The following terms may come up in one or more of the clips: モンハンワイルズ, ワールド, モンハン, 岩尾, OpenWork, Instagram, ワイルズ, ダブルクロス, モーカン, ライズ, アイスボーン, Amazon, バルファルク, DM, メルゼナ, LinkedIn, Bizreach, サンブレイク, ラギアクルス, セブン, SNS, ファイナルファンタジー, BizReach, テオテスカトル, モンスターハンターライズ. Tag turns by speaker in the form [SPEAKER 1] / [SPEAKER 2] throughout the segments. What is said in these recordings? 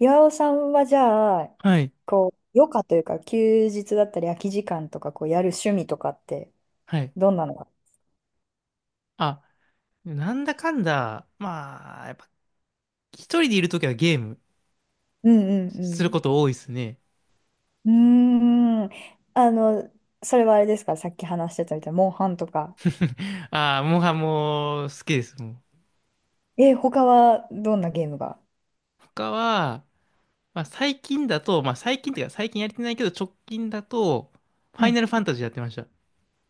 [SPEAKER 1] 岩尾さんはじゃあ、
[SPEAKER 2] はい。
[SPEAKER 1] こう、余暇というか、休日だったり、空き時間とか、こう、やる趣味とかって、
[SPEAKER 2] はい。
[SPEAKER 1] どんなのが？
[SPEAKER 2] あ、なんだかんだ、まあ、やっぱ一人でいるときはゲーム
[SPEAKER 1] うんう
[SPEAKER 2] する
[SPEAKER 1] ん
[SPEAKER 2] こと多いですね。
[SPEAKER 1] うん。うーん。あの、それはあれですか、さっき話してたみたいな、モンハンとか。
[SPEAKER 2] ああ、もう好きです、もう。
[SPEAKER 1] え、他はどんなゲームが？
[SPEAKER 2] 他は、まあ最近だと、まあ最近っていうか最近やれてないけど直近だと、ファ
[SPEAKER 1] は
[SPEAKER 2] イ
[SPEAKER 1] い。
[SPEAKER 2] ナルファンタジーやってました。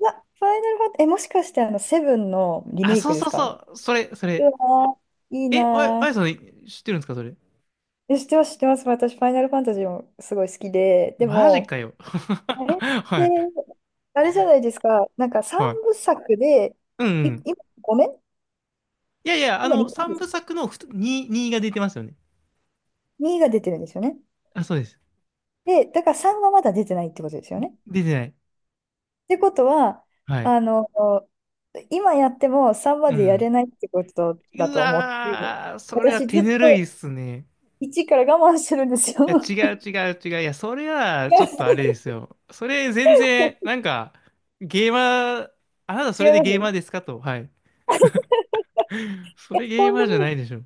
[SPEAKER 1] あ、ファイナルファン、え、もしかして、セブンのリ
[SPEAKER 2] あ、
[SPEAKER 1] メイ
[SPEAKER 2] そ
[SPEAKER 1] ク
[SPEAKER 2] う
[SPEAKER 1] です
[SPEAKER 2] そう
[SPEAKER 1] か？う
[SPEAKER 2] そう、それ、それ。
[SPEAKER 1] わー、いい
[SPEAKER 2] え、あや、あ
[SPEAKER 1] な
[SPEAKER 2] やさん知ってるんですか、それ？
[SPEAKER 1] ー。え、知ってます、知ってます。私、ファイナルファンタジーもすごい好きで、で
[SPEAKER 2] マジ
[SPEAKER 1] も、
[SPEAKER 2] かよ。
[SPEAKER 1] あれ って、
[SPEAKER 2] はい、
[SPEAKER 1] あれじゃないですか。なんか三
[SPEAKER 2] はい。
[SPEAKER 1] 部作で、
[SPEAKER 2] うんうん。
[SPEAKER 1] 今ごめん、
[SPEAKER 2] いやいや、あ
[SPEAKER 1] 今2
[SPEAKER 2] の、
[SPEAKER 1] で
[SPEAKER 2] 三部
[SPEAKER 1] す。
[SPEAKER 2] 作の2、2が出てますよね。
[SPEAKER 1] にが出てるんですよね。
[SPEAKER 2] あ、そうです。
[SPEAKER 1] で、だから3はまだ出てないってことですよね。っ
[SPEAKER 2] 出てない。
[SPEAKER 1] てことは、
[SPEAKER 2] はい。
[SPEAKER 1] あの、今やっても3ま
[SPEAKER 2] う
[SPEAKER 1] でや
[SPEAKER 2] ん。
[SPEAKER 1] れないってことだ
[SPEAKER 2] う
[SPEAKER 1] と思って、
[SPEAKER 2] わー、それは
[SPEAKER 1] 私
[SPEAKER 2] 手
[SPEAKER 1] ずっ
[SPEAKER 2] ぬるいっ
[SPEAKER 1] と
[SPEAKER 2] すね。
[SPEAKER 1] 1から我慢してるんですよ。
[SPEAKER 2] いや、違う違う違う。いや、それ は
[SPEAKER 1] 違い
[SPEAKER 2] ちょ
[SPEAKER 1] ま
[SPEAKER 2] っ
[SPEAKER 1] す。
[SPEAKER 2] とあれですよ。それ全然、なんか、ゲーマー、あなた そ
[SPEAKER 1] 違い
[SPEAKER 2] れで
[SPEAKER 1] ま
[SPEAKER 2] ゲーマ
[SPEAKER 1] す。
[SPEAKER 2] ーですかと。はい。そ
[SPEAKER 1] え、
[SPEAKER 2] れゲー
[SPEAKER 1] 本
[SPEAKER 2] マ
[SPEAKER 1] 当
[SPEAKER 2] ーじゃな
[SPEAKER 1] に
[SPEAKER 2] いでしょ。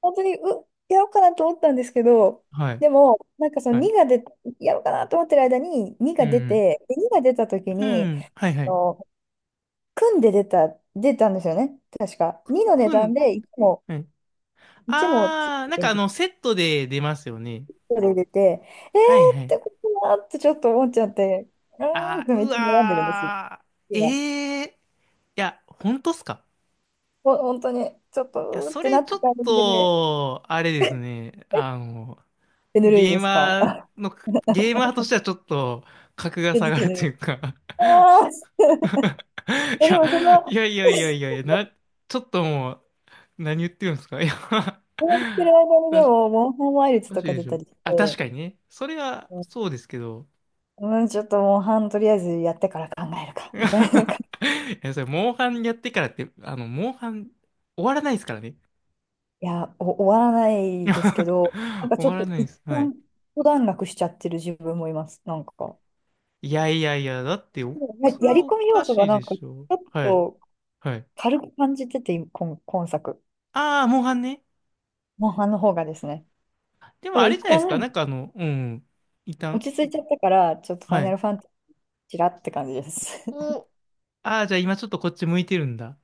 [SPEAKER 1] 本当に、やろうかなと思ったんですけど、
[SPEAKER 2] はい。
[SPEAKER 1] でも、なんかその
[SPEAKER 2] はい。
[SPEAKER 1] 2が出、やろうかなと思ってる間に2
[SPEAKER 2] う
[SPEAKER 1] が出
[SPEAKER 2] ん
[SPEAKER 1] て、で2が出た時
[SPEAKER 2] うん。
[SPEAKER 1] に、
[SPEAKER 2] うん。はいは
[SPEAKER 1] あ
[SPEAKER 2] い。
[SPEAKER 1] の、組んで出た、んですよね、確か。2
[SPEAKER 2] く、
[SPEAKER 1] の値
[SPEAKER 2] く
[SPEAKER 1] 段
[SPEAKER 2] ん、
[SPEAKER 1] で1も、
[SPEAKER 2] はい。
[SPEAKER 1] 1もつい
[SPEAKER 2] あー、なん
[SPEAKER 1] て
[SPEAKER 2] か
[SPEAKER 1] るん
[SPEAKER 2] あ
[SPEAKER 1] です
[SPEAKER 2] の、
[SPEAKER 1] よ。
[SPEAKER 2] セットで出ますよね。
[SPEAKER 1] それ出て、え
[SPEAKER 2] はいは
[SPEAKER 1] ーっ
[SPEAKER 2] い。
[SPEAKER 1] てことだなってちょっと思っちゃって、うーんっ
[SPEAKER 2] あ
[SPEAKER 1] て
[SPEAKER 2] ー、
[SPEAKER 1] めっ
[SPEAKER 2] う
[SPEAKER 1] ちゃ悩んでるんですよ。
[SPEAKER 2] わー。
[SPEAKER 1] 今。
[SPEAKER 2] えー。いや、本当っすか？
[SPEAKER 1] 本当に、ちょっ
[SPEAKER 2] いや、
[SPEAKER 1] とうーっ
[SPEAKER 2] そ
[SPEAKER 1] て
[SPEAKER 2] れ
[SPEAKER 1] なっ
[SPEAKER 2] ち
[SPEAKER 1] て
[SPEAKER 2] ょ
[SPEAKER 1] た
[SPEAKER 2] っ
[SPEAKER 1] タイで、
[SPEAKER 2] と、あれですね。あの、
[SPEAKER 1] 手ぬるい
[SPEAKER 2] ゲ
[SPEAKER 1] で
[SPEAKER 2] ー
[SPEAKER 1] すか
[SPEAKER 2] マ
[SPEAKER 1] あ？
[SPEAKER 2] ーの、ゲーマーとしてはちょっと、格 が
[SPEAKER 1] 手
[SPEAKER 2] 下
[SPEAKER 1] ぬ
[SPEAKER 2] がる
[SPEAKER 1] る
[SPEAKER 2] とい
[SPEAKER 1] い。
[SPEAKER 2] うか。
[SPEAKER 1] あー、いや
[SPEAKER 2] い
[SPEAKER 1] でも
[SPEAKER 2] や、いやいやいやいや いや、ちょっともう、何言ってるんですか？ いや、
[SPEAKER 1] こうしてる間
[SPEAKER 2] お
[SPEAKER 1] に
[SPEAKER 2] か
[SPEAKER 1] で
[SPEAKER 2] し
[SPEAKER 1] も、モンハンワイルズ
[SPEAKER 2] おか
[SPEAKER 1] と
[SPEAKER 2] しい
[SPEAKER 1] か
[SPEAKER 2] で
[SPEAKER 1] 出
[SPEAKER 2] し
[SPEAKER 1] た
[SPEAKER 2] ょ。
[SPEAKER 1] りし
[SPEAKER 2] あ、確
[SPEAKER 1] て、
[SPEAKER 2] かにね。それは、
[SPEAKER 1] う
[SPEAKER 2] そうですけど。
[SPEAKER 1] ん、うん、ちょっとモンハンとりあえずやってから考えるか、みたいな
[SPEAKER 2] い
[SPEAKER 1] 感じ。
[SPEAKER 2] や、それ、モンハンやってからって、あの、モンハン、終わらないですからね。
[SPEAKER 1] いや、終わらないですけ ど、なんか
[SPEAKER 2] 終
[SPEAKER 1] ちょ
[SPEAKER 2] わ
[SPEAKER 1] っ
[SPEAKER 2] ら
[SPEAKER 1] と
[SPEAKER 2] ないで
[SPEAKER 1] 一
[SPEAKER 2] す。はい。
[SPEAKER 1] 旦、一段落しちゃってる自分もいます、なんか。
[SPEAKER 2] いやいやいや、だってお、それ
[SPEAKER 1] や
[SPEAKER 2] は
[SPEAKER 1] り
[SPEAKER 2] お
[SPEAKER 1] 込み要
[SPEAKER 2] か
[SPEAKER 1] 素
[SPEAKER 2] し
[SPEAKER 1] が
[SPEAKER 2] い
[SPEAKER 1] なん
[SPEAKER 2] で
[SPEAKER 1] か、ち
[SPEAKER 2] しょ。
[SPEAKER 1] ょっ
[SPEAKER 2] はい。
[SPEAKER 1] と
[SPEAKER 2] はい。
[SPEAKER 1] 軽く感じてて、今作。
[SPEAKER 2] ああ、モンハンね。
[SPEAKER 1] モンハンの方がですね。
[SPEAKER 2] で
[SPEAKER 1] だ
[SPEAKER 2] も
[SPEAKER 1] から
[SPEAKER 2] あれ
[SPEAKER 1] 一
[SPEAKER 2] じゃないですか。
[SPEAKER 1] 旦、
[SPEAKER 2] なんかあの、うん。一
[SPEAKER 1] 落
[SPEAKER 2] 旦。
[SPEAKER 1] ち着いちゃったから、ちょっとファ
[SPEAKER 2] は
[SPEAKER 1] イナ
[SPEAKER 2] い。
[SPEAKER 1] ルファンタジーちらって感じです。
[SPEAKER 2] お、ああ、じゃあ今ちょっとこっち向いてるんだ。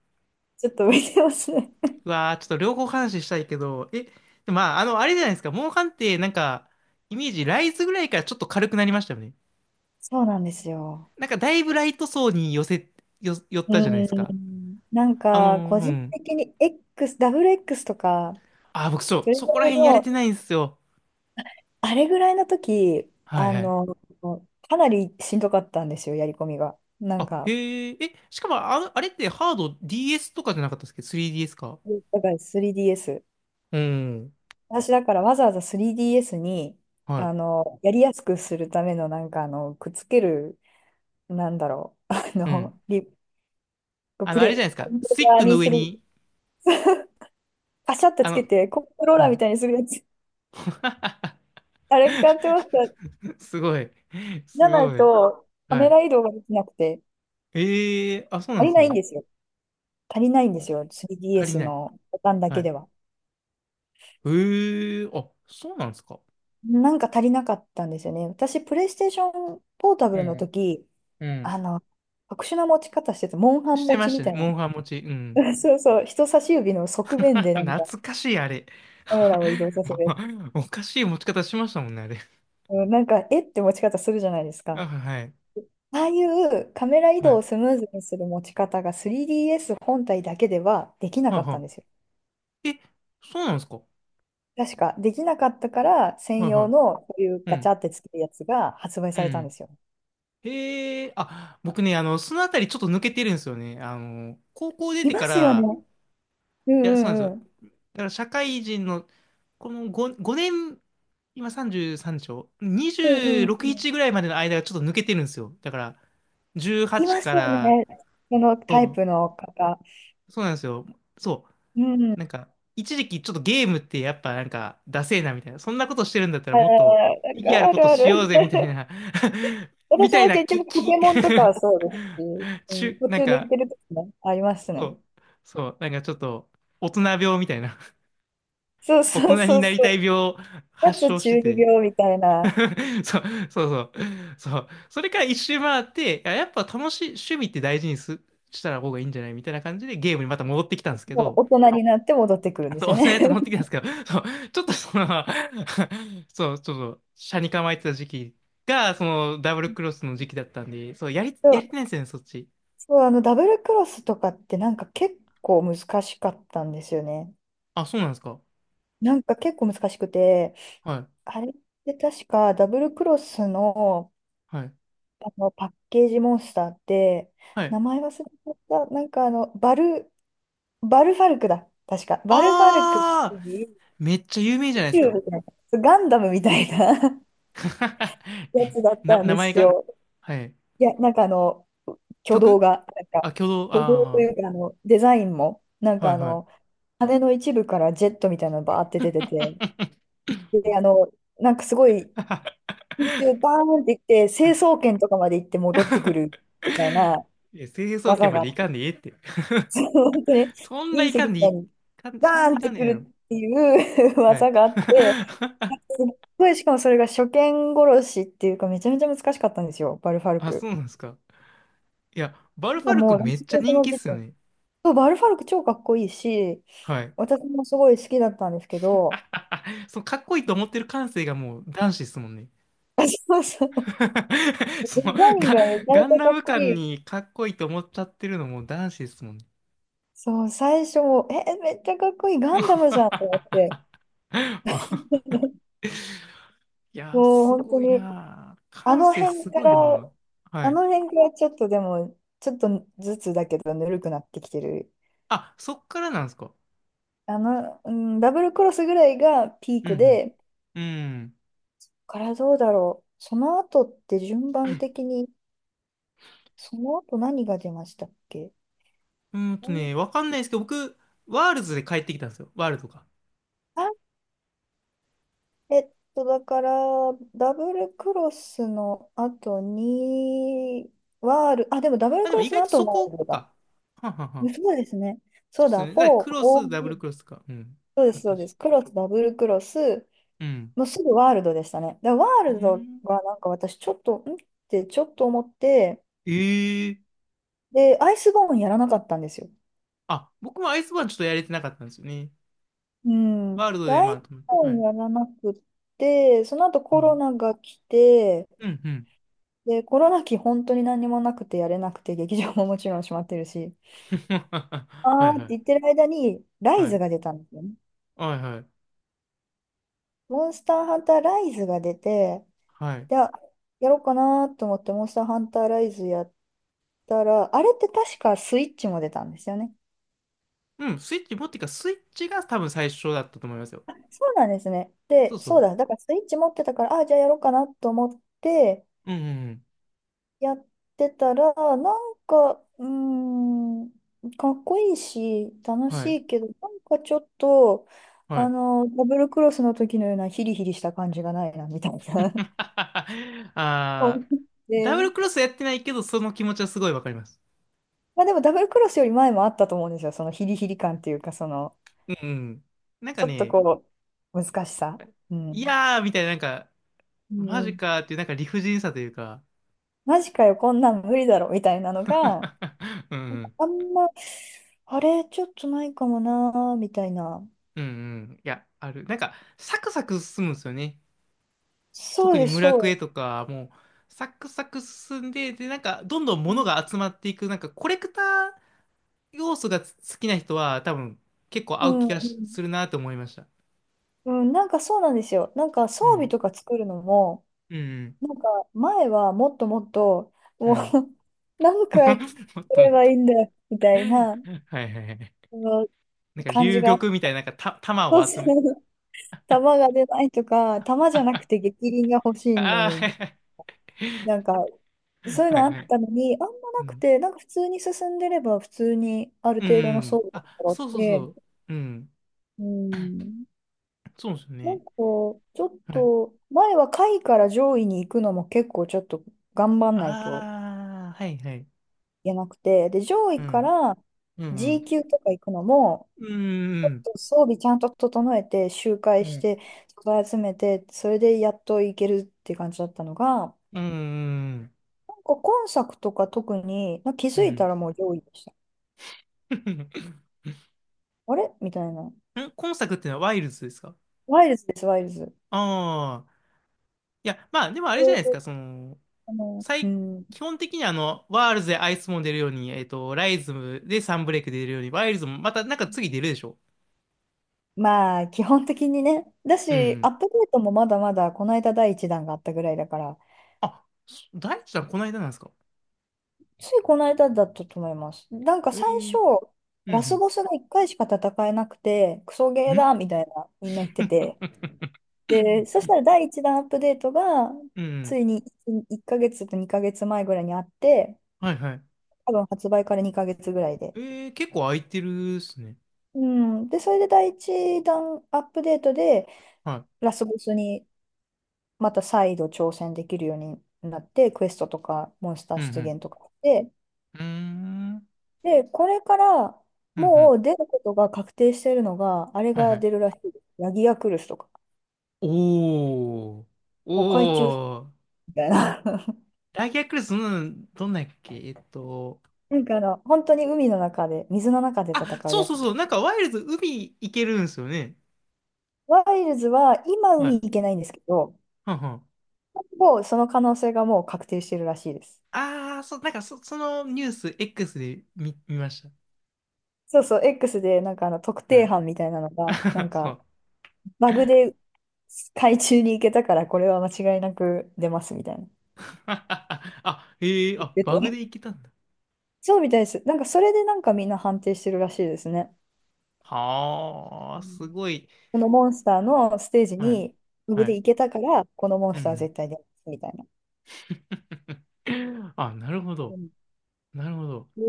[SPEAKER 1] ちょっと浮いてますね。
[SPEAKER 2] うわあ、ちょっと両方話したいけど、え、でまあ、あの、あれじゃないですか。モンハンってなんか、イメージ、ライズぐらいからちょっと軽くなりましたよね。
[SPEAKER 1] そうなんですよ。
[SPEAKER 2] なんかだいぶライト層に寄せ、よ、寄っ
[SPEAKER 1] う
[SPEAKER 2] たじゃないですか。
[SPEAKER 1] ん。なんか、個
[SPEAKER 2] う
[SPEAKER 1] 人
[SPEAKER 2] ん。
[SPEAKER 1] 的に X、ダブル X とか、
[SPEAKER 2] ああ、僕そう、
[SPEAKER 1] それぐ
[SPEAKER 2] そこら
[SPEAKER 1] らい
[SPEAKER 2] 辺やれて
[SPEAKER 1] の、
[SPEAKER 2] ないんですよ。
[SPEAKER 1] あれぐらいの時、
[SPEAKER 2] はい
[SPEAKER 1] あ
[SPEAKER 2] はい。
[SPEAKER 1] の、かなりしんどかったんですよ、やり込みが。なん
[SPEAKER 2] あ、
[SPEAKER 1] か、
[SPEAKER 2] へえ、え、しかもあ、あれってハード DS とかじゃなかったっすっけ？ 3DS か。
[SPEAKER 1] だから 3DS。
[SPEAKER 2] うん。
[SPEAKER 1] 私だからわざわざ 3DS に、
[SPEAKER 2] はい。
[SPEAKER 1] やりやすくするための、なんか、くっつける、なんだろう、あ
[SPEAKER 2] うん。
[SPEAKER 1] の、リ、
[SPEAKER 2] あ
[SPEAKER 1] プ
[SPEAKER 2] の、あれじゃな
[SPEAKER 1] レ
[SPEAKER 2] いで
[SPEAKER 1] イ、
[SPEAKER 2] す
[SPEAKER 1] コ
[SPEAKER 2] か。
[SPEAKER 1] ント
[SPEAKER 2] スティ
[SPEAKER 1] ロー
[SPEAKER 2] ッ
[SPEAKER 1] ラー
[SPEAKER 2] クの
[SPEAKER 1] に
[SPEAKER 2] 上
[SPEAKER 1] する、
[SPEAKER 2] に、
[SPEAKER 1] パシャって
[SPEAKER 2] あ
[SPEAKER 1] つけ
[SPEAKER 2] の、
[SPEAKER 1] て、コントロー
[SPEAKER 2] う
[SPEAKER 1] ラーみ
[SPEAKER 2] ん。
[SPEAKER 1] たいにするやつ、あれ買ってました。
[SPEAKER 2] すごい。
[SPEAKER 1] じゃ
[SPEAKER 2] す
[SPEAKER 1] ない
[SPEAKER 2] ごい。
[SPEAKER 1] と、カ
[SPEAKER 2] は
[SPEAKER 1] メ
[SPEAKER 2] い。
[SPEAKER 1] ラ移動ができなくて、
[SPEAKER 2] ええあ、そうなん
[SPEAKER 1] 足
[SPEAKER 2] で
[SPEAKER 1] り
[SPEAKER 2] す
[SPEAKER 1] ないん
[SPEAKER 2] ね。
[SPEAKER 1] ですよ。足りないん
[SPEAKER 2] う
[SPEAKER 1] です
[SPEAKER 2] ん、
[SPEAKER 1] よ。
[SPEAKER 2] 足り
[SPEAKER 1] 3DS
[SPEAKER 2] ない。
[SPEAKER 1] のボタンだ
[SPEAKER 2] は
[SPEAKER 1] けで
[SPEAKER 2] い。
[SPEAKER 1] は。
[SPEAKER 2] ええあ、そうなんですか。
[SPEAKER 1] なんか足りなかったんですよね。私、プレイステーションポータブ
[SPEAKER 2] う
[SPEAKER 1] ルの
[SPEAKER 2] ん。
[SPEAKER 1] 時、
[SPEAKER 2] うん。
[SPEAKER 1] あの、特殊な持ち方してた、モンハン
[SPEAKER 2] して
[SPEAKER 1] 持
[SPEAKER 2] ま
[SPEAKER 1] ち
[SPEAKER 2] し
[SPEAKER 1] み
[SPEAKER 2] た
[SPEAKER 1] た
[SPEAKER 2] ね。
[SPEAKER 1] いな。
[SPEAKER 2] モンハン持ち。うん。
[SPEAKER 1] そうそう、人差し指の側面 でなんか
[SPEAKER 2] 懐かしい、あれ。
[SPEAKER 1] カメラを移動させるやつ。
[SPEAKER 2] おかしい持ち方しましたもんね、あれ。
[SPEAKER 1] うん、なんか、えって持ち方するじゃないですか。
[SPEAKER 2] あ、はい。
[SPEAKER 1] ああいうカメラ移
[SPEAKER 2] は
[SPEAKER 1] 動
[SPEAKER 2] い。
[SPEAKER 1] をスムーズにする持ち方が 3DS 本体だけではできな
[SPEAKER 2] はい
[SPEAKER 1] かったん
[SPEAKER 2] は
[SPEAKER 1] ですよ。
[SPEAKER 2] い。え、そうなんですか？
[SPEAKER 1] 確か、できなかったから専
[SPEAKER 2] はい
[SPEAKER 1] 用
[SPEAKER 2] は
[SPEAKER 1] のこういう
[SPEAKER 2] い。う
[SPEAKER 1] ガチャ
[SPEAKER 2] ん。
[SPEAKER 1] ってつけるやつが発売
[SPEAKER 2] う
[SPEAKER 1] されたんで
[SPEAKER 2] ん。
[SPEAKER 1] すよ。
[SPEAKER 2] へえ、あ、僕ね、あの、そのあたりちょっと抜けてるんですよね。あの、高校出
[SPEAKER 1] い
[SPEAKER 2] て
[SPEAKER 1] ま
[SPEAKER 2] か
[SPEAKER 1] すよね。
[SPEAKER 2] ら、
[SPEAKER 1] うん
[SPEAKER 2] いや、そうなんで
[SPEAKER 1] うんうん。
[SPEAKER 2] すよ。だから社会人の、この5、5年、今33でしょ？
[SPEAKER 1] うんうん
[SPEAKER 2] 26、
[SPEAKER 1] うん。
[SPEAKER 2] 1ぐらいまでの間がちょっと抜けてるんですよ。だから、
[SPEAKER 1] い
[SPEAKER 2] 18
[SPEAKER 1] ま
[SPEAKER 2] か
[SPEAKER 1] すよね。
[SPEAKER 2] ら、
[SPEAKER 1] そのタイ
[SPEAKER 2] そ
[SPEAKER 1] プの方。
[SPEAKER 2] う、そうなんですよ。そ
[SPEAKER 1] う
[SPEAKER 2] う。
[SPEAKER 1] ん。
[SPEAKER 2] なんか、一時期ちょっとゲームってやっぱなんか、ダセえなみたいな、そんなことしてるんだったら
[SPEAKER 1] あ
[SPEAKER 2] もっ
[SPEAKER 1] ー、
[SPEAKER 2] と意義ある
[SPEAKER 1] あ
[SPEAKER 2] こ
[SPEAKER 1] る
[SPEAKER 2] と
[SPEAKER 1] あ
[SPEAKER 2] し
[SPEAKER 1] る。
[SPEAKER 2] ようぜみたい な。 み
[SPEAKER 1] 私
[SPEAKER 2] たい
[SPEAKER 1] も
[SPEAKER 2] な
[SPEAKER 1] 結局ポケ
[SPEAKER 2] 気。
[SPEAKER 1] モンとかは そうですし、うん、途
[SPEAKER 2] なん
[SPEAKER 1] 中抜
[SPEAKER 2] か、
[SPEAKER 1] けるときもあります
[SPEAKER 2] そ
[SPEAKER 1] ね。
[SPEAKER 2] う、そう、なんかちょっと、大人病みたいな、
[SPEAKER 1] そう
[SPEAKER 2] 大
[SPEAKER 1] そう
[SPEAKER 2] 人に
[SPEAKER 1] そう
[SPEAKER 2] な
[SPEAKER 1] そ
[SPEAKER 2] りたい
[SPEAKER 1] う。
[SPEAKER 2] 病を 発
[SPEAKER 1] 夏
[SPEAKER 2] 症して
[SPEAKER 1] 中二
[SPEAKER 2] て。
[SPEAKER 1] 病みたいな、
[SPEAKER 2] そう、そうそう、そう、それから一周回って、いや、やっぱ楽しい、趣味って大事にす、したら方がいいんじゃないみたいな感じでゲームにまた戻ってきたんですけ
[SPEAKER 1] もう
[SPEAKER 2] ど、
[SPEAKER 1] 大人になって戻ってくるんで
[SPEAKER 2] そう、
[SPEAKER 1] す
[SPEAKER 2] お
[SPEAKER 1] よ
[SPEAKER 2] 砂や
[SPEAKER 1] ね。
[SPEAKER 2] って持っ てきたんですけど、そう、ちょっとその。 そう、ちょっと、斜に構えてた時期が、その、ダブルクロスの時期だったんで、そう、やりてないんですよね、そっち。
[SPEAKER 1] そう、ダブルクロスとかってなんか結構難しかったんですよね。
[SPEAKER 2] あ、そうなんですか。
[SPEAKER 1] なんか結構難しくて、
[SPEAKER 2] はい、
[SPEAKER 1] あれって確かダブルクロスの、
[SPEAKER 2] はい、
[SPEAKER 1] あのパッケージモンスターって、
[SPEAKER 2] は
[SPEAKER 1] 名
[SPEAKER 2] い。
[SPEAKER 1] 前忘れちゃった、なんかバルファルクだ。確か。バルファルクって
[SPEAKER 2] あ
[SPEAKER 1] いう、
[SPEAKER 2] ー、めっちゃ有名じゃないです
[SPEAKER 1] ヒュー
[SPEAKER 2] か。
[SPEAKER 1] みたいなガンダムみたいな や
[SPEAKER 2] え、
[SPEAKER 1] つだったん
[SPEAKER 2] 名
[SPEAKER 1] で
[SPEAKER 2] 前
[SPEAKER 1] す
[SPEAKER 2] が。
[SPEAKER 1] よ。
[SPEAKER 2] はい。
[SPEAKER 1] いや、なんか挙動
[SPEAKER 2] 曲
[SPEAKER 1] が、なんか、
[SPEAKER 2] あ、挙動、
[SPEAKER 1] 挙動とい
[SPEAKER 2] あ
[SPEAKER 1] うか、デザインも、なん
[SPEAKER 2] ー、
[SPEAKER 1] か
[SPEAKER 2] はい、はい。
[SPEAKER 1] 羽の一部からジェットみたいなのバーって出てて、で、なんかすごい、空中バーンっていって、成層 圏とかまで行って戻ってくるみたいな
[SPEAKER 2] いや、清掃圏
[SPEAKER 1] 技
[SPEAKER 2] ま
[SPEAKER 1] があ
[SPEAKER 2] でい
[SPEAKER 1] っ
[SPEAKER 2] か
[SPEAKER 1] て、
[SPEAKER 2] んでいいって。
[SPEAKER 1] 本当に
[SPEAKER 2] そんな
[SPEAKER 1] 隕
[SPEAKER 2] い
[SPEAKER 1] 石
[SPEAKER 2] かん
[SPEAKER 1] み
[SPEAKER 2] でい
[SPEAKER 1] たい
[SPEAKER 2] い、
[SPEAKER 1] に
[SPEAKER 2] そん
[SPEAKER 1] バ
[SPEAKER 2] な
[SPEAKER 1] ーン
[SPEAKER 2] い
[SPEAKER 1] っ
[SPEAKER 2] か
[SPEAKER 1] て
[SPEAKER 2] んでい
[SPEAKER 1] く
[SPEAKER 2] いや
[SPEAKER 1] る
[SPEAKER 2] ろ。
[SPEAKER 1] っていう
[SPEAKER 2] はい。
[SPEAKER 1] 技があって、すっごい、しかもそれが初見殺しっていうか、めちゃめちゃ難しかったんですよ、バルファル
[SPEAKER 2] あ、そ
[SPEAKER 1] ク。
[SPEAKER 2] うなんですか。いや、バル
[SPEAKER 1] だ
[SPEAKER 2] フ
[SPEAKER 1] か
[SPEAKER 2] ァ
[SPEAKER 1] ら
[SPEAKER 2] ル
[SPEAKER 1] も
[SPEAKER 2] ク
[SPEAKER 1] う、ラ
[SPEAKER 2] めっ
[SPEAKER 1] ス
[SPEAKER 2] ちゃ
[SPEAKER 1] ボス
[SPEAKER 2] 人
[SPEAKER 1] の
[SPEAKER 2] 気っ
[SPEAKER 1] 時
[SPEAKER 2] すよ
[SPEAKER 1] 点。
[SPEAKER 2] ね。
[SPEAKER 1] そうバルファルク超かっこいいし、
[SPEAKER 2] はい。
[SPEAKER 1] 私もすごい好きだったんですけど、
[SPEAKER 2] そのかっこいいと思ってる感性がもう男子っすもんね。
[SPEAKER 1] そうそう。デ
[SPEAKER 2] その
[SPEAKER 1] ザイン
[SPEAKER 2] ガ、
[SPEAKER 1] がめちゃ
[SPEAKER 2] ガン
[SPEAKER 1] めち
[SPEAKER 2] ダ
[SPEAKER 1] ゃか
[SPEAKER 2] ム
[SPEAKER 1] っこい
[SPEAKER 2] 感
[SPEAKER 1] い。
[SPEAKER 2] にかっこいいと思っちゃってるのも男子っすもんね。
[SPEAKER 1] そう、最初も、え、めっちゃかっこいい、ガン ダムじゃんと思って、
[SPEAKER 2] いやー、
[SPEAKER 1] もう
[SPEAKER 2] す
[SPEAKER 1] 本
[SPEAKER 2] ご
[SPEAKER 1] 当
[SPEAKER 2] い
[SPEAKER 1] に、
[SPEAKER 2] なー。
[SPEAKER 1] あ
[SPEAKER 2] 感
[SPEAKER 1] の
[SPEAKER 2] 性
[SPEAKER 1] 辺
[SPEAKER 2] す
[SPEAKER 1] か
[SPEAKER 2] ごい
[SPEAKER 1] ら、
[SPEAKER 2] なー。は
[SPEAKER 1] あ
[SPEAKER 2] い。
[SPEAKER 1] の辺からちょっとでも、ちょっとずつだけど、ぬるくなってきてる。
[SPEAKER 2] あ、そっからなんですか。
[SPEAKER 1] うん、ダブルクロスぐらいがピー
[SPEAKER 2] う
[SPEAKER 1] ク
[SPEAKER 2] ん
[SPEAKER 1] で、こ
[SPEAKER 2] うん。うん。
[SPEAKER 1] こからどうだろう。その後って順番的に、その後何が出ましたっけ？うん、
[SPEAKER 2] わかんないですけど、僕、ワールズで帰ってきたんですよ。ワールドか。
[SPEAKER 1] あ、だから、ダブルクロスの後に、ワール、あ、でもダブ
[SPEAKER 2] あ、
[SPEAKER 1] ル
[SPEAKER 2] で
[SPEAKER 1] ク
[SPEAKER 2] も
[SPEAKER 1] ロ
[SPEAKER 2] 意
[SPEAKER 1] ス
[SPEAKER 2] 外
[SPEAKER 1] の
[SPEAKER 2] と
[SPEAKER 1] 後
[SPEAKER 2] そ
[SPEAKER 1] ワー
[SPEAKER 2] こ
[SPEAKER 1] ルドだ。
[SPEAKER 2] か。はんはんはん。
[SPEAKER 1] そうですね。そ
[SPEAKER 2] そう
[SPEAKER 1] う
[SPEAKER 2] っ
[SPEAKER 1] だ、
[SPEAKER 2] すね。
[SPEAKER 1] 4、
[SPEAKER 2] だからクロス、ダブル
[SPEAKER 1] OG。
[SPEAKER 2] クロスとか。うん。
[SPEAKER 1] そうで
[SPEAKER 2] あ
[SPEAKER 1] す、
[SPEAKER 2] っ
[SPEAKER 1] そ
[SPEAKER 2] た
[SPEAKER 1] うで
[SPEAKER 2] し。
[SPEAKER 1] す。クロス、ダブルクロス、
[SPEAKER 2] うん。
[SPEAKER 1] もうすぐワールドでしたね。で、ワー
[SPEAKER 2] う
[SPEAKER 1] ルド
[SPEAKER 2] ん。
[SPEAKER 1] がなんか私ちょっと、んってちょっと思って、
[SPEAKER 2] ええ
[SPEAKER 1] で、アイスボーンやらなかったんですよ。
[SPEAKER 2] あ、僕もアイスバーンちょっとやれてなかったんですよね。
[SPEAKER 1] うん。
[SPEAKER 2] ワールド
[SPEAKER 1] で、
[SPEAKER 2] で、
[SPEAKER 1] ア
[SPEAKER 2] ま
[SPEAKER 1] イ
[SPEAKER 2] あ、
[SPEAKER 1] ス
[SPEAKER 2] と思って。
[SPEAKER 1] ボ
[SPEAKER 2] は
[SPEAKER 1] ーン
[SPEAKER 2] い。
[SPEAKER 1] やらなくって、その後
[SPEAKER 2] う
[SPEAKER 1] コロ
[SPEAKER 2] ん。
[SPEAKER 1] ナが来て、
[SPEAKER 2] うん、うん。
[SPEAKER 1] で、コロナ期本当に何もなくてやれなくて、劇場ももちろん閉まってるし、
[SPEAKER 2] は
[SPEAKER 1] あ
[SPEAKER 2] い
[SPEAKER 1] ー
[SPEAKER 2] は
[SPEAKER 1] って言っ
[SPEAKER 2] い。
[SPEAKER 1] てる間に、ラ
[SPEAKER 2] は
[SPEAKER 1] イズ
[SPEAKER 2] い。
[SPEAKER 1] が出たんですよね。
[SPEAKER 2] はいはい。
[SPEAKER 1] モンスターハンターライズが出て、
[SPEAKER 2] はい。
[SPEAKER 1] じゃあ、やろうかなと思って、モンスターハンターライズやったら、あれって確かスイッチも出たんですよね。
[SPEAKER 2] うん、スイッチが多分最初だったと思いますよ。
[SPEAKER 1] そうなんですね。
[SPEAKER 2] そ
[SPEAKER 1] で、
[SPEAKER 2] うそ
[SPEAKER 1] そう
[SPEAKER 2] う。
[SPEAKER 1] だ、だからスイッチ持ってたから、あ、じゃあやろうかなと思って、
[SPEAKER 2] うんうんうん。
[SPEAKER 1] やってたら、なんか、ん、かっこいいし、楽し
[SPEAKER 2] はい。
[SPEAKER 1] いけど、なんかちょっと、
[SPEAKER 2] はい。
[SPEAKER 1] ダブルクロスの時のようなヒリヒリした感じがないな、みたいな。思
[SPEAKER 2] あ
[SPEAKER 1] っ
[SPEAKER 2] ー、
[SPEAKER 1] て、
[SPEAKER 2] ダブルクロスやってないけど、その気持ちはすごいわかります。
[SPEAKER 1] まあでもダブルクロスより前もあったと思うんですよ、そのヒリヒリ感っていうか、その、
[SPEAKER 2] うんうん。なんか
[SPEAKER 1] ちょっと
[SPEAKER 2] ね、
[SPEAKER 1] こう、難しさ。う
[SPEAKER 2] い
[SPEAKER 1] ん。
[SPEAKER 2] やーみたいな、なんか、
[SPEAKER 1] う
[SPEAKER 2] マジ
[SPEAKER 1] ん。
[SPEAKER 2] かーっていう、なんか理不尽さというか。
[SPEAKER 1] マジかよ、こんなん無理だろ、みたいなの が、
[SPEAKER 2] うんうん、
[SPEAKER 1] あんま、あれ、ちょっとないかもな、みたいな。
[SPEAKER 2] うんうん、いや、ある。なんか、サクサク進むんですよね。
[SPEAKER 1] そ
[SPEAKER 2] 特
[SPEAKER 1] う
[SPEAKER 2] に
[SPEAKER 1] です、
[SPEAKER 2] 村
[SPEAKER 1] そう
[SPEAKER 2] クエ
[SPEAKER 1] です。
[SPEAKER 2] とか、もう、サクサク進んで、で、なんか、どんどん物が集まっていく、なんか、コレクター要素が好きな人は、多分、結構合
[SPEAKER 1] う
[SPEAKER 2] う
[SPEAKER 1] ん、
[SPEAKER 2] 気
[SPEAKER 1] う
[SPEAKER 2] がしす
[SPEAKER 1] ん。
[SPEAKER 2] るなと思いました。
[SPEAKER 1] うん、なんかそうなんですよ。なんか装
[SPEAKER 2] う
[SPEAKER 1] 備
[SPEAKER 2] ん、
[SPEAKER 1] とか作るのも、
[SPEAKER 2] うん、
[SPEAKER 1] なんか前はもっともっと、
[SPEAKER 2] う
[SPEAKER 1] もう
[SPEAKER 2] ん。
[SPEAKER 1] 何回す
[SPEAKER 2] もっとも
[SPEAKER 1] れ
[SPEAKER 2] っ
[SPEAKER 1] ば
[SPEAKER 2] と、
[SPEAKER 1] いいんだよ、みたいな、
[SPEAKER 2] はいはいはい。
[SPEAKER 1] その
[SPEAKER 2] なんか、
[SPEAKER 1] 感じ
[SPEAKER 2] 龍
[SPEAKER 1] が。
[SPEAKER 2] 玉みたいな、なんか、玉
[SPEAKER 1] そう
[SPEAKER 2] を集
[SPEAKER 1] そ
[SPEAKER 2] め、
[SPEAKER 1] う。弾が出ないとか、弾じゃなくて逆鱗が欲しいの
[SPEAKER 2] ああ、
[SPEAKER 1] に、
[SPEAKER 2] はいはい。
[SPEAKER 1] なんか、そういう
[SPEAKER 2] は
[SPEAKER 1] の
[SPEAKER 2] い
[SPEAKER 1] あっ
[SPEAKER 2] はい、
[SPEAKER 1] たのに、あんま
[SPEAKER 2] う
[SPEAKER 1] なく
[SPEAKER 2] ん。
[SPEAKER 1] て、なんか普通に進んでれば、普通にある
[SPEAKER 2] う
[SPEAKER 1] 程度の装
[SPEAKER 2] ん。
[SPEAKER 1] 備が
[SPEAKER 2] あ、
[SPEAKER 1] 揃っ
[SPEAKER 2] そうそうそ
[SPEAKER 1] て、
[SPEAKER 2] う。うん。
[SPEAKER 1] うん、
[SPEAKER 2] そうですよ
[SPEAKER 1] な
[SPEAKER 2] ね。
[SPEAKER 1] んかちょっ
[SPEAKER 2] はい。
[SPEAKER 1] と、前は下位から上位に行くのも結構ちょっと頑張んないと
[SPEAKER 2] ああ、はいはい。
[SPEAKER 1] いけなくて、で、上
[SPEAKER 2] う
[SPEAKER 1] 位か
[SPEAKER 2] ん。
[SPEAKER 1] ら
[SPEAKER 2] うん。
[SPEAKER 1] G 級とか行くのも、
[SPEAKER 2] うん。
[SPEAKER 1] 装備ちゃんと整えて、周
[SPEAKER 2] う
[SPEAKER 1] 回し
[SPEAKER 2] ん。
[SPEAKER 1] て、素材集めて、それでやっと行けるって感じだったのが、
[SPEAKER 2] うん。うん。
[SPEAKER 1] なんか今作とか特に、なんか気
[SPEAKER 2] う
[SPEAKER 1] づいた
[SPEAKER 2] ん。
[SPEAKER 1] らもう上位でした。あれみたいな。
[SPEAKER 2] 今作ってのはワイルズですか？
[SPEAKER 1] ワイルズです、ワイルズ。
[SPEAKER 2] ああ。いや、まあ、でもあれじゃ
[SPEAKER 1] そう
[SPEAKER 2] ないです
[SPEAKER 1] そう
[SPEAKER 2] か。その、
[SPEAKER 1] あの、う
[SPEAKER 2] 最、
[SPEAKER 1] ん。
[SPEAKER 2] 基本的にあの、ワールズでアイスも出るように、ライズムでサンブレイク出るように、ワイルズもまたなんか次出るでしょ？
[SPEAKER 1] まあ、基本的にね。だ
[SPEAKER 2] うん。う
[SPEAKER 1] し、ア
[SPEAKER 2] ん、
[SPEAKER 1] ップデートもまだまだ、この間第一弾があったぐらいだから、
[SPEAKER 2] あ、そ大地さんこの間なんですか？
[SPEAKER 1] ついこの間だったと思います。なんか
[SPEAKER 2] え
[SPEAKER 1] 最
[SPEAKER 2] え、
[SPEAKER 1] 初、
[SPEAKER 2] う
[SPEAKER 1] ラス
[SPEAKER 2] ん
[SPEAKER 1] ボスが1回しか戦えなくて、クソ
[SPEAKER 2] う
[SPEAKER 1] ゲー
[SPEAKER 2] ん。ん。
[SPEAKER 1] だみたいな、みんな言ってて。で、そしたら第一弾アップデートが、
[SPEAKER 2] う
[SPEAKER 1] つ
[SPEAKER 2] ん。
[SPEAKER 1] いに1ヶ月と2ヶ月前ぐらいにあって、
[SPEAKER 2] はいはい。
[SPEAKER 1] 多分発売から2ヶ月ぐらいで。
[SPEAKER 2] えー、結構空いてるっすね。
[SPEAKER 1] うん。で、それで第一弾アップデートで、
[SPEAKER 2] は
[SPEAKER 1] ラスボスにまた再度挑戦できるようになって、クエストとかモンスタ
[SPEAKER 2] い。
[SPEAKER 1] ー
[SPEAKER 2] う
[SPEAKER 1] 出
[SPEAKER 2] ん
[SPEAKER 1] 現とかして、
[SPEAKER 2] うん。うーん。
[SPEAKER 1] で、これから
[SPEAKER 2] うんう
[SPEAKER 1] も
[SPEAKER 2] ん。
[SPEAKER 1] う出ることが確定してるのが、あれ
[SPEAKER 2] はいは
[SPEAKER 1] が出る
[SPEAKER 2] い。
[SPEAKER 1] らしいです。ヤギヤクルスとか、
[SPEAKER 2] おー。
[SPEAKER 1] お海中
[SPEAKER 2] おー。
[SPEAKER 1] みたいな。
[SPEAKER 2] ラギアクルス、うん、どんなんやっけ、えっと。
[SPEAKER 1] 本当に海の中で、水の中で
[SPEAKER 2] あ、
[SPEAKER 1] 戦う
[SPEAKER 2] そう
[SPEAKER 1] や
[SPEAKER 2] そう
[SPEAKER 1] つ。
[SPEAKER 2] そう。なんかワイルズ海行けるんですよね。
[SPEAKER 1] ワイルズは今
[SPEAKER 2] は
[SPEAKER 1] 海
[SPEAKER 2] い。
[SPEAKER 1] 行けないんですけど、
[SPEAKER 2] はんはん。
[SPEAKER 1] もうその可能性がもう確定してるらしいです。
[SPEAKER 2] あー、そう、なんかそ、そのニュース X で見、見まし
[SPEAKER 1] そうそう、X で特
[SPEAKER 2] た。は
[SPEAKER 1] 定
[SPEAKER 2] い。
[SPEAKER 1] 班みたいなのが、
[SPEAKER 2] そう。
[SPEAKER 1] バグで海中に行けたからこれは間違いなく出ますみたいな。
[SPEAKER 2] あ、へえ、
[SPEAKER 1] 言っ
[SPEAKER 2] あ、
[SPEAKER 1] てて。
[SPEAKER 2] バグで行けたんだ。
[SPEAKER 1] そうみたいです。それでみんな判定してるらしいですね。
[SPEAKER 2] はあ、
[SPEAKER 1] う
[SPEAKER 2] す
[SPEAKER 1] ん、
[SPEAKER 2] ごい。
[SPEAKER 1] このモンスターのステージ
[SPEAKER 2] はい。
[SPEAKER 1] にフグ
[SPEAKER 2] は
[SPEAKER 1] で
[SPEAKER 2] い。
[SPEAKER 1] 行けたから、このモン
[SPEAKER 2] う
[SPEAKER 1] スターは
[SPEAKER 2] ん。
[SPEAKER 1] 絶対出ますみたいな。
[SPEAKER 2] あ、なるほ
[SPEAKER 1] う
[SPEAKER 2] ど。
[SPEAKER 1] ん、
[SPEAKER 2] なるほど。
[SPEAKER 1] え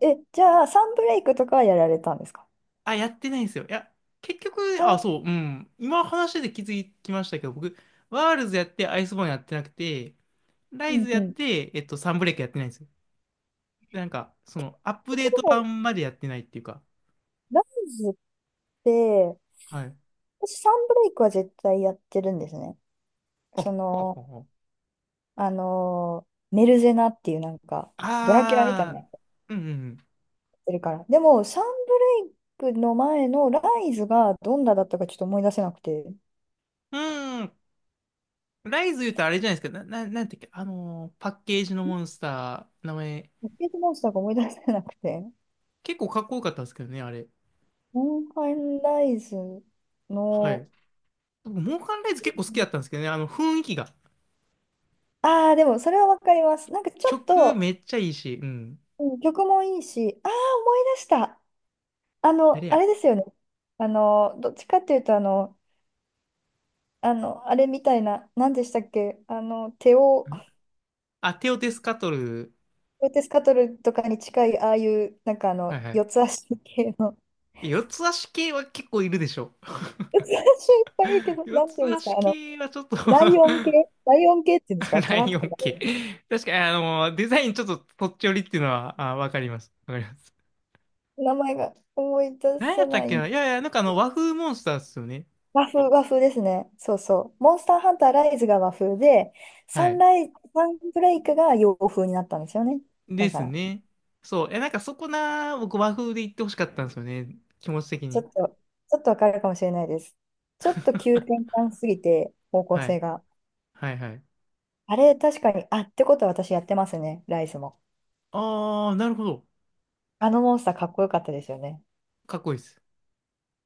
[SPEAKER 1] ー、え、じゃあサンブレイクとかはやられたんですか？
[SPEAKER 2] あ、やってないんですよ。いや、結局、あ、
[SPEAKER 1] あ、
[SPEAKER 2] そう、うん。今話で気づきましたけど、僕、ワールズやってアイスボーンやってなくて、ラ
[SPEAKER 1] う
[SPEAKER 2] イズ
[SPEAKER 1] んう
[SPEAKER 2] やっ
[SPEAKER 1] ん。
[SPEAKER 2] て、えっと、サンブレイクやってないんですよ。なんか、その、アップ
[SPEAKER 1] と
[SPEAKER 2] デート
[SPEAKER 1] ころで
[SPEAKER 2] 版までやってないっていうか。
[SPEAKER 1] ライズって、
[SPEAKER 2] はい。
[SPEAKER 1] 私サンブレイクは絶対やってるんですね。
[SPEAKER 2] あ、
[SPEAKER 1] そ
[SPEAKER 2] ほう
[SPEAKER 1] の、
[SPEAKER 2] ほうほう。
[SPEAKER 1] あのーメルゼナっていうドラキュラみたい
[SPEAKER 2] あ
[SPEAKER 1] な
[SPEAKER 2] ー、うんうん
[SPEAKER 1] てるから。でも、サンブレイクの前のライズがどんなだったかちょっと思い出せなくて、
[SPEAKER 2] うん。うーん。ライズ言うとあれじゃないですか。なんていうっけ、あのーパッケージのモンスター、名前、
[SPEAKER 1] ポケットモンスターが思い出せなくて、
[SPEAKER 2] 結構かっこよかったんですけどね、あれ。
[SPEAKER 1] モンハンライズ
[SPEAKER 2] は
[SPEAKER 1] の、
[SPEAKER 2] い。僕、モーカンライズ結構好きだったんですけどね、あの雰囲気が。
[SPEAKER 1] ああ、でもそれはわかります。なんかちょっ
[SPEAKER 2] 曲
[SPEAKER 1] と、
[SPEAKER 2] めっちゃいいし、うん。
[SPEAKER 1] うん、曲もいいし、ああ、思い出した。
[SPEAKER 2] 誰や
[SPEAKER 1] あ
[SPEAKER 2] ん。
[SPEAKER 1] れですよね。どっちかっていうと、あれみたいな、何でしたっけ、手を、
[SPEAKER 2] あ、テオテスカトル。
[SPEAKER 1] テオテスカトルとかに近い、ああいう、
[SPEAKER 2] はいはい。
[SPEAKER 1] 四つ足系の。
[SPEAKER 2] 四つ足系は結構いるでしょ。
[SPEAKER 1] 私いっぱいいるけ ど、
[SPEAKER 2] 四
[SPEAKER 1] なんてい
[SPEAKER 2] つ
[SPEAKER 1] うんです
[SPEAKER 2] 足
[SPEAKER 1] か、
[SPEAKER 2] 系はちょっと。
[SPEAKER 1] ライオン系、ライオン系っていうんですか、
[SPEAKER 2] ラ
[SPEAKER 1] 虎
[SPEAKER 2] イ
[SPEAKER 1] と
[SPEAKER 2] オ
[SPEAKER 1] か。
[SPEAKER 2] ン系。確かに、あの、デザインちょっとそっち寄りっていうのは、あ、わかります。わかります。
[SPEAKER 1] 名前が思い出
[SPEAKER 2] 何や
[SPEAKER 1] せ
[SPEAKER 2] った
[SPEAKER 1] な
[SPEAKER 2] っけ
[SPEAKER 1] い。
[SPEAKER 2] な。いやいや、なんかあの、和風モンスターっすよね。
[SPEAKER 1] 和風、和風ですね。そうそう。モンスターハンターライズが和風で、
[SPEAKER 2] は
[SPEAKER 1] サン
[SPEAKER 2] い。
[SPEAKER 1] ライ、サンブレイクが洋風になったんですよね。
[SPEAKER 2] で
[SPEAKER 1] だか
[SPEAKER 2] す
[SPEAKER 1] ら、
[SPEAKER 2] ね。そう。え、なんかそこな、僕和風で言ってほしかったんですよね。気持ち的
[SPEAKER 1] ちょ
[SPEAKER 2] に。
[SPEAKER 1] っと、ちょっとわかるかもしれないです。ちょっと急転換すぎて、方向
[SPEAKER 2] はい。
[SPEAKER 1] 性が。
[SPEAKER 2] はいはい。
[SPEAKER 1] あれ、確かに、あ、ってことは私やってますね、ライズも。
[SPEAKER 2] ああ、なるほど。
[SPEAKER 1] あのモンスターかっこよかったですよね。
[SPEAKER 2] かっこいいです。